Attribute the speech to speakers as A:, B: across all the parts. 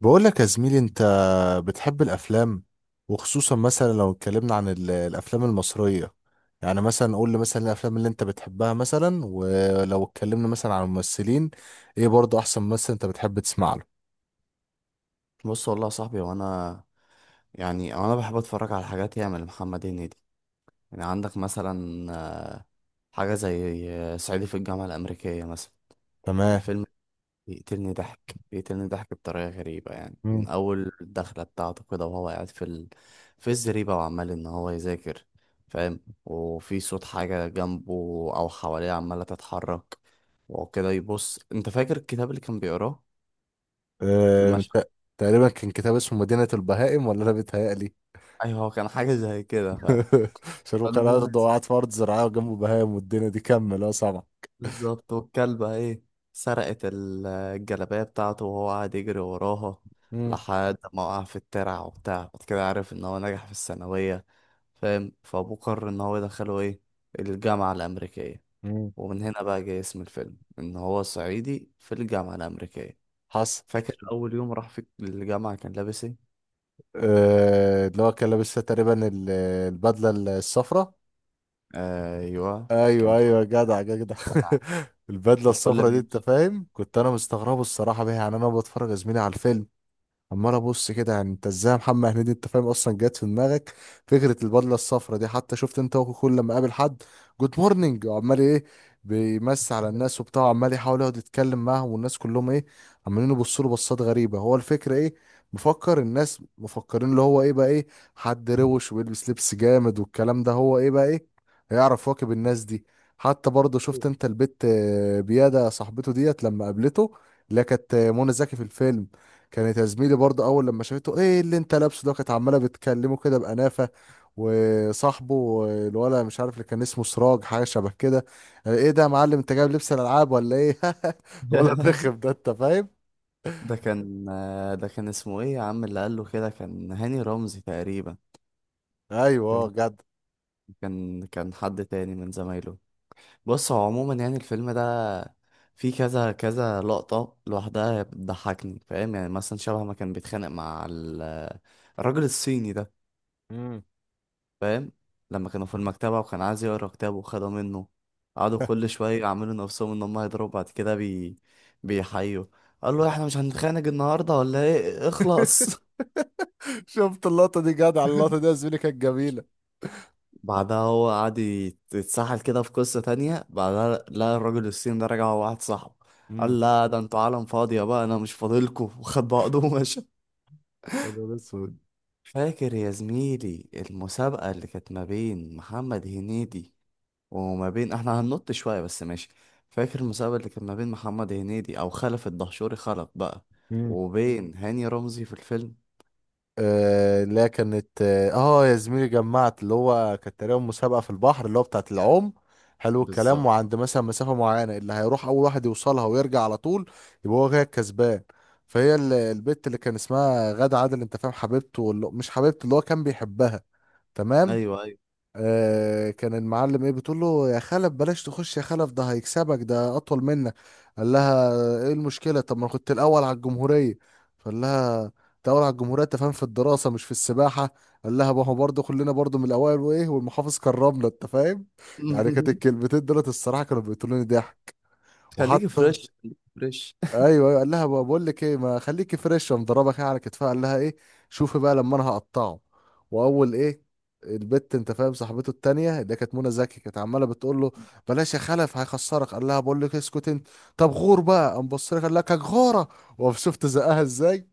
A: بقول لك يا زميلي، انت بتحب الافلام؟ وخصوصا مثلا لو اتكلمنا عن الافلام المصريه، يعني مثلا قول لي مثلا إيه الافلام اللي انت بتحبها مثلا، ولو اتكلمنا مثلا عن الممثلين، ايه برضه احسن ممثل انت بتحب تسمع له؟
B: بص، والله يا صاحبي. وانا يعني انا بحب اتفرج على حاجات ياما لمحمد هنيدي. يعني عندك مثلا آه، حاجه زي صعيدي في الجامعه الامريكيه مثلا.
A: تمام.
B: الفيلم بيقتلني ضحك، بيقتلني ضحك بطريقه غريبه، يعني
A: مم.
B: من اول الدخله بتاعته كده وهو قاعد في الزريبه وعمال ان هو يذاكر، فاهم، وفي صوت حاجه جنبه او حواليه عماله تتحرك وكده يبص. انت فاكر الكتاب اللي كان بيقراه في
A: اه،
B: المشهد؟
A: انت تقريبا كان كتاب اسمه مدينه البهائم، ولا انا بيتهيألي؟
B: ايوه، هو كان حاجه زي كده فعلا.
A: عشان هو كان
B: المهم،
A: ارضه وقعد في ارض زراعيه وجنبه بهائم والدنيا دي، كمل اه سامع.
B: بالظبط، والكلبة ايه سرقت الجلابية بتاعته وهو قاعد يجري وراها
A: مم.
B: لحد ما وقع في الترع وبتاع. بعد كده عرف ان هو نجح في الثانوية، فاهم، فابوه قرر ان هو يدخله ايه، الجامعة الأمريكية.
A: مم.
B: ومن هنا بقى جاي اسم الفيلم ان هو صعيدي في الجامعة الأمريكية.
A: حصل.
B: فاكر أول يوم راح في الجامعة كان لابس ايه؟
A: اه، اللي هو كان لابس تقريبا البدله الصفراء.
B: آه، أيوه، كان
A: ايوه
B: كله
A: ايوه، جدع
B: بتاع
A: جدع.
B: الترع.
A: البدله
B: كان كل
A: الصفرا
B: ما
A: دي انت
B: يمشي.
A: فاهم، كنت انا مستغربه الصراحه بيها. يعني انا بتفرج يا زميلي على الفيلم، عمال ابص كده، يعني انت ازاي يا محمد هنيدي انت فاهم اصلا جت في دماغك فكره البدله الصفراء دي؟ حتى شفت انت هو كل لما قابل حد، جود مورنينج وعمال ايه، بيمسي على الناس وبتاع، عمال يحاول يقعد يتكلم معاهم، والناس كلهم ايه، عمالين يبصوا له بصات غريبه. هو الفكره ايه، مفكر الناس مفكرين اللي هو ايه بقى، ايه حد روش ويلبس لبس جامد والكلام ده؟ هو ايه بقى، ايه هيعرف يواكب الناس دي؟ حتى برضه شفت انت البت بياده صاحبته ديت لما قابلته، اللي هي كانت منى زكي في الفيلم، كانت يا زميلي برضه اول لما شافته، ايه اللي انت لابسه ده؟ كانت عماله بتكلمه كده بانافه. وصاحبه الولد مش عارف اللي كان اسمه سراج حاجه شبه كده، ايه ده يا معلم، انت جايب لبس الالعاب ولا ايه؟ الولد رخم ده انت فاهم.
B: ده كان ده كان اسمه ايه يا عم اللي قال له كده؟ كان هاني رمزي تقريبا.
A: ايوه
B: كان
A: جد.
B: كان حد تاني من زمايله. بص، هو عموما يعني الفيلم ده فيه كذا كذا لقطة لوحدها بتضحكني، فاهم، يعني مثلا شبه ما كان بيتخانق مع الراجل الصيني ده،
A: امم.
B: فاهم، لما كانوا في المكتبة وكان عايز يقرا كتابه وخده منه، قعدوا كل شوية يعملوا نفسهم ان هم هيضربوا بعد كده بيحيوا. قال له احنا مش هنتخانق النهارده ولا ايه، اخلص.
A: شفت اللقطه دي جدع، اللقطه دي يا زميلي كانت جميله.
B: بعدها هو قعد يتسحل كده في قصة تانية. بعدها لقى الراجل الصيني ده رجع هو واحد صاحبه،
A: امم.
B: قال لا ده انتوا عالم فاضية، بقى انا مش فاضلكوا. وخد بعضه ومشى.
A: انا اسود.
B: فاكر يا زميلي المسابقة اللي كانت ما بين محمد هنيدي وما بين، احنا هننط شوية بس ماشي. فاكر المسابقة اللي كانت ما بين محمد هنيدي او خلف الدهشوري خلف بقى، وبين هاني رمزي في الفيلم.
A: آه، اللي هي كانت يا زميلي جمعت، اللي هو كانت تقريبا مسابقة في البحر اللي هو بتاعت العوم. حلو الكلام.
B: بالظبط.
A: وعند مثلا مسافة معينة، اللي هيروح أول واحد يوصلها ويرجع على طول، يبقى هو كده الكسبان. فهي البت اللي كان اسمها غادة عادل أنت فاهم، حبيبته، مش حبيبته، اللي هو كان بيحبها. تمام.
B: ايوه، ايوه.
A: آه، كان المعلم ايه بتقول له، يا خلف بلاش تخش، يا خلف ده هيكسبك، ده اطول منك. قال لها، ايه المشكله؟ طب ما أنا كنت الاول على الجمهوريه. فقال لها، انت اول على الجمهوريه انت فاهم في الدراسه، مش في السباحه. قال لها، ما هو برضه كلنا برضه من الاوائل وايه، والمحافظ كرمنا انت فاهم. يعني كانت الكلمتين دولت الصراحه كانوا بيقتلوني ضحك.
B: خليك
A: وحتى
B: فريش، خليك فريش.
A: ايوه، أيوة، قال لها بقى، بقول لك ايه ما خليكي فريش. قام ضربك إيه على كتفها، قال لها ايه، شوفي بقى لما انا هقطعه. واول ايه، البت انت فاهم صاحبته التانية اللي كانت منى زكي، كانت عماله بتقول له، بلاش يا خلف هيخسرك. قال لها بقول لك اسكت انت، طب غور بقى. قام بص لها قال لك، غوره. وشفت زقها ازاي.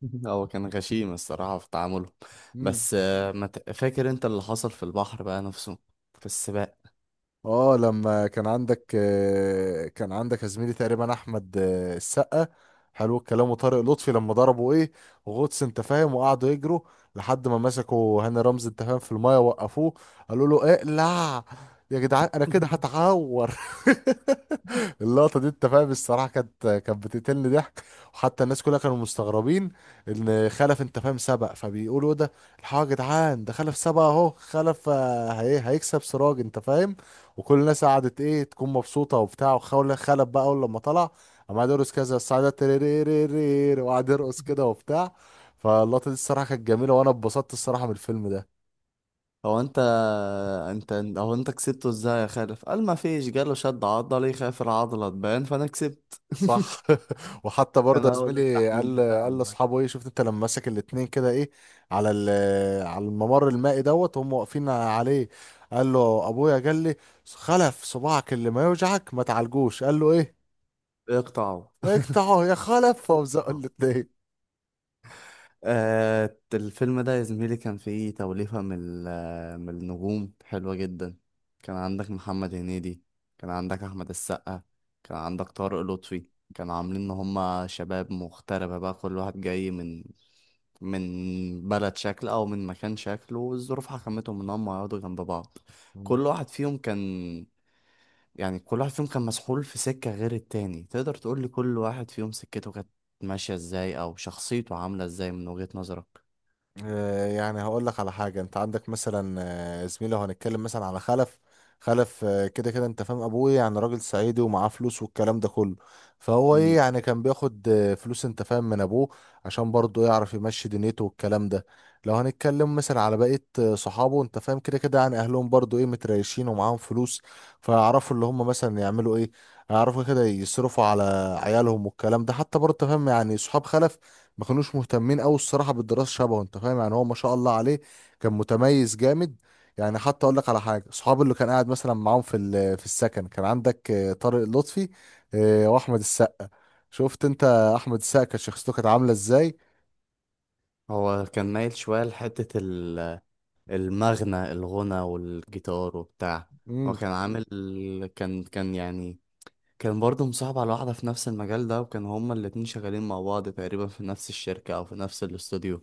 B: هو كان غشيم الصراحة في تعامله.
A: مم.
B: بس آه، ما ت- فاكر انت اللي حصل في البحر بقى نفسه في السباق؟
A: اه، لما كان عندك، يا زميلي تقريبا احمد السقا. حلو الكلام. وطارق لطفي لما ضربوا ايه، غطس انت فاهم وقعدوا يجروا، لحد ما مسكوا هاني رمزي انت فاهم في المايه، وقفوه قالوا له اقلع، يا جدعان انا كده هتعور. اللقطه دي انت فاهم الصراحه كانت بتقتلني ضحك. وحتى الناس كلها كانوا مستغربين ان خلف انت فاهم سبق، فبيقولوا إيه ده الحاجه؟ يا جدعان ده خلف سبق اهو، خلف هي هيكسب سراج انت فاهم. وكل الناس قعدت ايه، تكون مبسوطه وبتاع. وخول خلف بقى اول لما طلع، قام قاعد يرقص كذا السعاده، تريريريرير، وقعد يرقص كده وبتاع. فاللقطه دي الصراحه كانت جميله، وانا اتبسطت الصراحه من الفيلم ده.
B: هو انت انت هو انت كسبته ازاي يا خالف؟ قال ما فيش، جاله شد عضلي، خاف العضلة تبان فانا كسبت.
A: صح. وحتى
B: كان
A: برضه يا
B: هو ده
A: زميلي،
B: التحليل
A: قال
B: بتاعه
A: قال
B: المكسب.
A: لاصحابه ايه، شفت انت لما مسك الاتنين كده ايه، على الممر المائي دوت وهم واقفين عليه. قال له، ابويا قال لي، خلف صباعك اللي ما يوجعك ما تعالجوش. قال له ايه،
B: اقطعه.
A: اقطعه يا خلف. فمزقوا الاتنين.
B: آه، الفيلم ده يا زميلي كان فيه توليفة من من النجوم حلوة جدا. كان عندك محمد هنيدي، كان عندك أحمد السقا، كان عندك طارق لطفي. كانوا عاملين إن هما شباب مغتربة بقى، كل واحد جاي من بلد شكل أو من مكان شكله، والظروف حكمتهم إن هما يقعدوا جنب بعض. كل واحد فيهم كان مسحول في سكة غير التاني. تقدر تقولي كل واحد فيهم سكته كانت ماشية إزاي أو شخصيته عاملة إزاي من وجهة نظرك.
A: آه، يعني هقول لك على حاجة، انت عندك مثلا زميلي، لو هنتكلم مثلا على خلف. خلف كده كده انت فاهم، ابويا يعني راجل صعيدي ومعاه فلوس والكلام ده كله، فهو ايه
B: مم.
A: يعني، كان بياخد فلوس انت فاهم من ابوه، عشان برضه يعرف يمشي دنيته والكلام ده. لو هنتكلم مثلا على بقية صحابه انت فاهم، كده كده يعني اهلهم برضه ايه، متريشين ومعاهم فلوس، فيعرفوا اللي هم مثلا يعملوا ايه، يعرفوا كده يصرفوا على عيالهم والكلام ده. حتى برضه فاهم، يعني صحاب خلف ما كانوش مهتمين قوي الصراحه بالدراسه شبهه انت فاهم، يعني هو ما شاء الله عليه كان متميز جامد. يعني حتى اقول لك على حاجه، صحابي اللي كان قاعد مثلا معاهم في في السكن، كان عندك طارق لطفي واحمد السقا. شفت انت احمد السقا كانت شخصيته كانت عامله ازاي.
B: هو كان مايل شوية لحتة الغنى والجيتار وبتاع. هو
A: امم.
B: كان عامل، كان كان يعني كان برضه مصاحب على واحدة في نفس المجال ده، وكان هما الاتنين شغالين مع بعض تقريبا في نفس الشركة أو في نفس الاستوديو،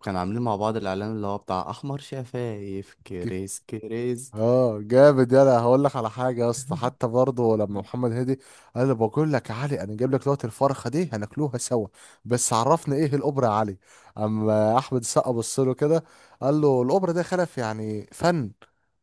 B: وكان عاملين مع بعض الإعلان اللي هو بتاع أحمر شفايف، كريس كريس.
A: اه جامد. يلا هقول لك على حاجه يا اسطى، حتى برضه لما محمد هادي قال لي، بقول لك يا علي انا جايب لك دلوقتي الفرخه دي هناكلوها سوا، بس عرفني ايه الاوبرا يا علي. اما احمد السقا بص له كده قال له، الاوبرا ده خلف يعني فن.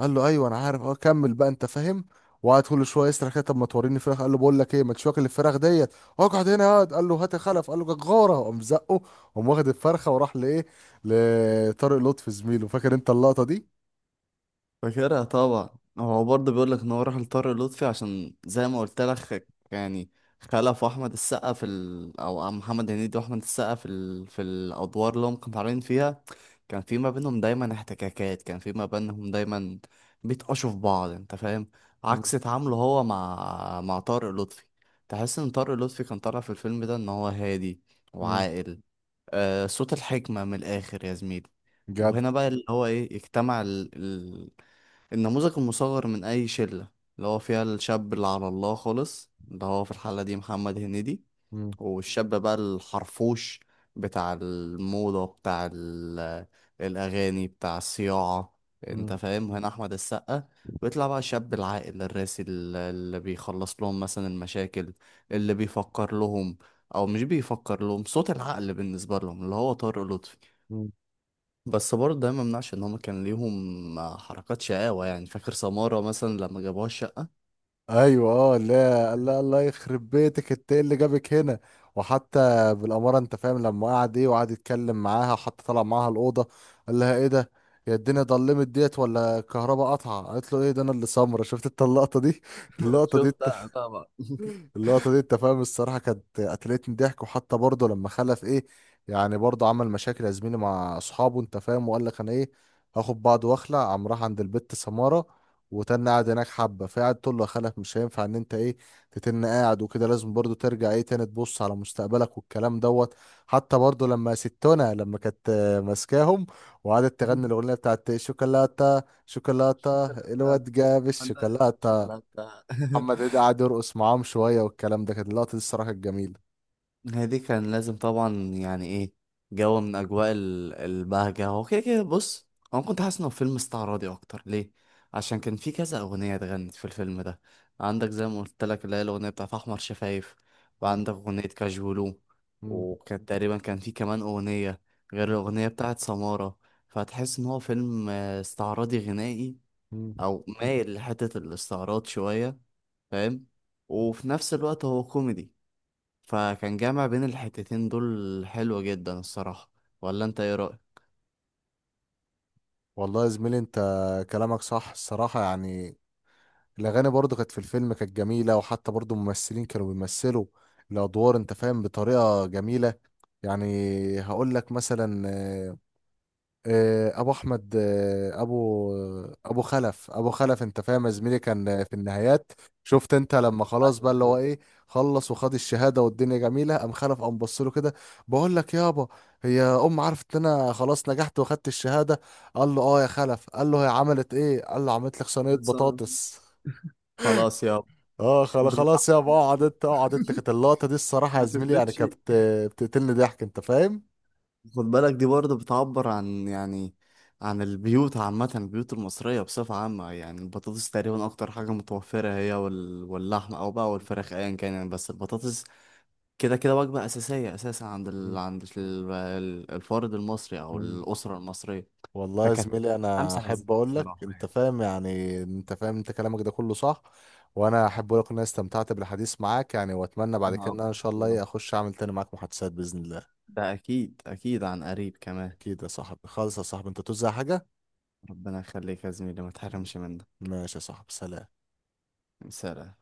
A: قال له، ايوه انا عارف، اه كمل بقى انت فاهم. وقعد كل شويه يسرح كده، طب ما توريني فراخ. قال له، بقول لك ايه ما تشوك الفراخ ديت، اقعد هنا اقعد. قال له، هات الخلف. قال له جغاره، قام زقه. قام واخد الفرخه وراح لايه، لطارق لطفي زميله. فاكر انت اللقطه دي؟
B: فاكرها طبعا. هو برضه بيقول لك ان هو راح لطارق لطفي عشان زي ما قلت لك يعني خلف احمد السقا او محمد هنيدي واحمد السقا في الادوار اللي هم كانوا طالعين فيها، كان في ما بينهم دايما احتكاكات، كان في ما بينهم دايما بيتقشوا في بعض، انت فاهم، عكس تعامله هو مع طارق لطفي. تحس ان طارق لطفي كان طالع في الفيلم ده ان هو هادي
A: مم.
B: وعاقل. آه، صوت الحكمة من الاخر يا زميلي.
A: جدع.
B: وهنا بقى اللي هو ايه، اجتمع النموذج المصغر من أي شلة، اللي هو فيها الشاب اللي على الله خالص، اللي هو في الحالة دي محمد هنيدي،
A: مم.
B: والشاب بقى الحرفوش بتاع الموضة بتاع الأغاني بتاع الصياعة، أنت
A: مم.
B: فاهم، هنا أحمد السقا. بيطلع بقى الشاب العاقل الراسي اللي بيخلص لهم مثلا المشاكل،
A: مم.
B: اللي بيفكر لهم أو مش بيفكر لهم، صوت العقل بالنسبة لهم اللي هو طارق لطفي.
A: مم.
B: بس برضه ده ما منعش ان هم كان ليهم حركات شقاوة. يعني فاكر سمارة مثلا لما جابوها الشقة؟
A: ايوه اه لا، الله الله يخرب بيتك، انت ايه اللي جابك هنا؟ وحتى بالاماره انت فاهم لما قعد ايه، وقعد يتكلم معاها، وحتى طلع معاها الاوضه قال لها، ايه ده، يا الدنيا ضلمت ديت ولا الكهرباء قطعه؟ قالت له، ايه ده انا اللي سمره. شفت انت اللقطه دي؟ اللقطه دي،
B: شفتها طبعا.
A: اللقطة دي انت فاهم الصراحة كانت قتلتني ضحك. وحتى برضه لما خلف ايه، يعني برضه عمل مشاكل يا زميلي مع اصحابه انت فاهم، وقال لك انا ايه، هاخد بعض واخلع. قام راح عند البت سمارة وتن قاعد هناك حبة، فقعد تقول له يا خلف مش هينفع ان انت ايه، تتن قاعد وكده، لازم برضه ترجع ايه تاني تبص على مستقبلك والكلام دوت. حتى برضه لما ستونا لما كانت ماسكاهم، وقعدت تغني الاغنية بتاعت شوكولاتة شوكولاتة،
B: شوكولاتة،
A: الواد جاب
B: أنا
A: الشوكولاتة.
B: شوكولاتة.
A: محمد عيد قعد يرقص معاهم شوية والكلام ده، كانت اللقطة دي الصراحة كانت جميلة.
B: هي دي كان لازم طبعا يعني ايه، جو من اجواء البهجة. هو كده كده بص. هو كنت حاسس انه فيلم استعراضي اكتر ليه؟ عشان كان في كذا اغنية اتغنت في الفيلم ده. عندك زي ما قلت لك اللي هي الاغنية بتاعت احمر شفايف،
A: مم.
B: وعندك اغنية كاجولو،
A: مم.
B: وكان تقريبا كان في كمان اغنية غير الاغنية بتاعت سمارة. فهتحس ان هو فيلم استعراضي غنائي،
A: مم.
B: او مايل لحتة الاستعراض شوية، فاهم، وفي نفس الوقت هو كوميدي. فكان جامع بين الحتتين دول حلو جدا الصراحة. ولا انت ايه رأيك؟
A: والله يا زميلي، انت كلامك صح الصراحة. يعني الأغاني برضو كانت في الفيلم كانت جميلة، وحتى برضو الممثلين كانوا بيمثلوا الأدوار انت فاهم بطريقة جميلة. يعني هقول لك مثلا ابو احمد آه، ابو ابو خلف، ابو خلف انت فاهم يا زميلي كان في النهايات. شفت انت لما خلاص بقى
B: ايوه،
A: اللي هو
B: ايوه.
A: ايه، خلص وخد الشهاده والدنيا جميله، قام خلف قام بص له كده، بقول لك يابا، هي ام عرفت ان انا خلاص نجحت واخدت الشهاده؟ قال له، اه يا خلف. قال له، هي عملت ايه؟ قال له، عملت لك صينيه
B: بس أنا-
A: بطاطس.
B: خلاص يا
A: اه، خلاص
B: باللحمه.
A: يابا اقعد انت، اقعد انت. كانت اللقطه دي الصراحه يا
B: ما
A: زميلي يعني
B: تفرقش.
A: بتقتلني ضحك انت فاهم.
B: خد بالك، دي برضه بتعبر عن، يعني، عن البيوت عامة، البيوت المصرية بصفة عامة. يعني البطاطس تقريبا أكتر حاجة متوفرة، هي واللحمة أو بقى والفراخ أيا كان، يعني، بس البطاطس كده كده وجبة أساسية أساسا عند الفرد المصري أو الأسرة المصرية.
A: والله يا
B: فكانت
A: زميلي انا
B: خمسة لذيذة
A: احب اقول لك
B: الصراحة
A: انت
B: يعني.
A: فاهم، يعني انت فاهم انت كلامك ده كله صح. وانا احب اقول لك ان انا استمتعت بالحديث معاك، يعني واتمنى بعد كده
B: انا
A: ان انا ان
B: اكتر
A: شاء الله
B: والله.
A: إيه، اخش اعمل تاني معاك محادثات باذن الله.
B: ده اكيد، اكيد عن قريب كمان.
A: اكيد يا صاحبي، خالص يا صاحبي، انت توزع حاجه.
B: ربنا يخليك يا زميلي، ما تحرمش من ده.
A: ماشي يا صاحبي، سلام.
B: سلام.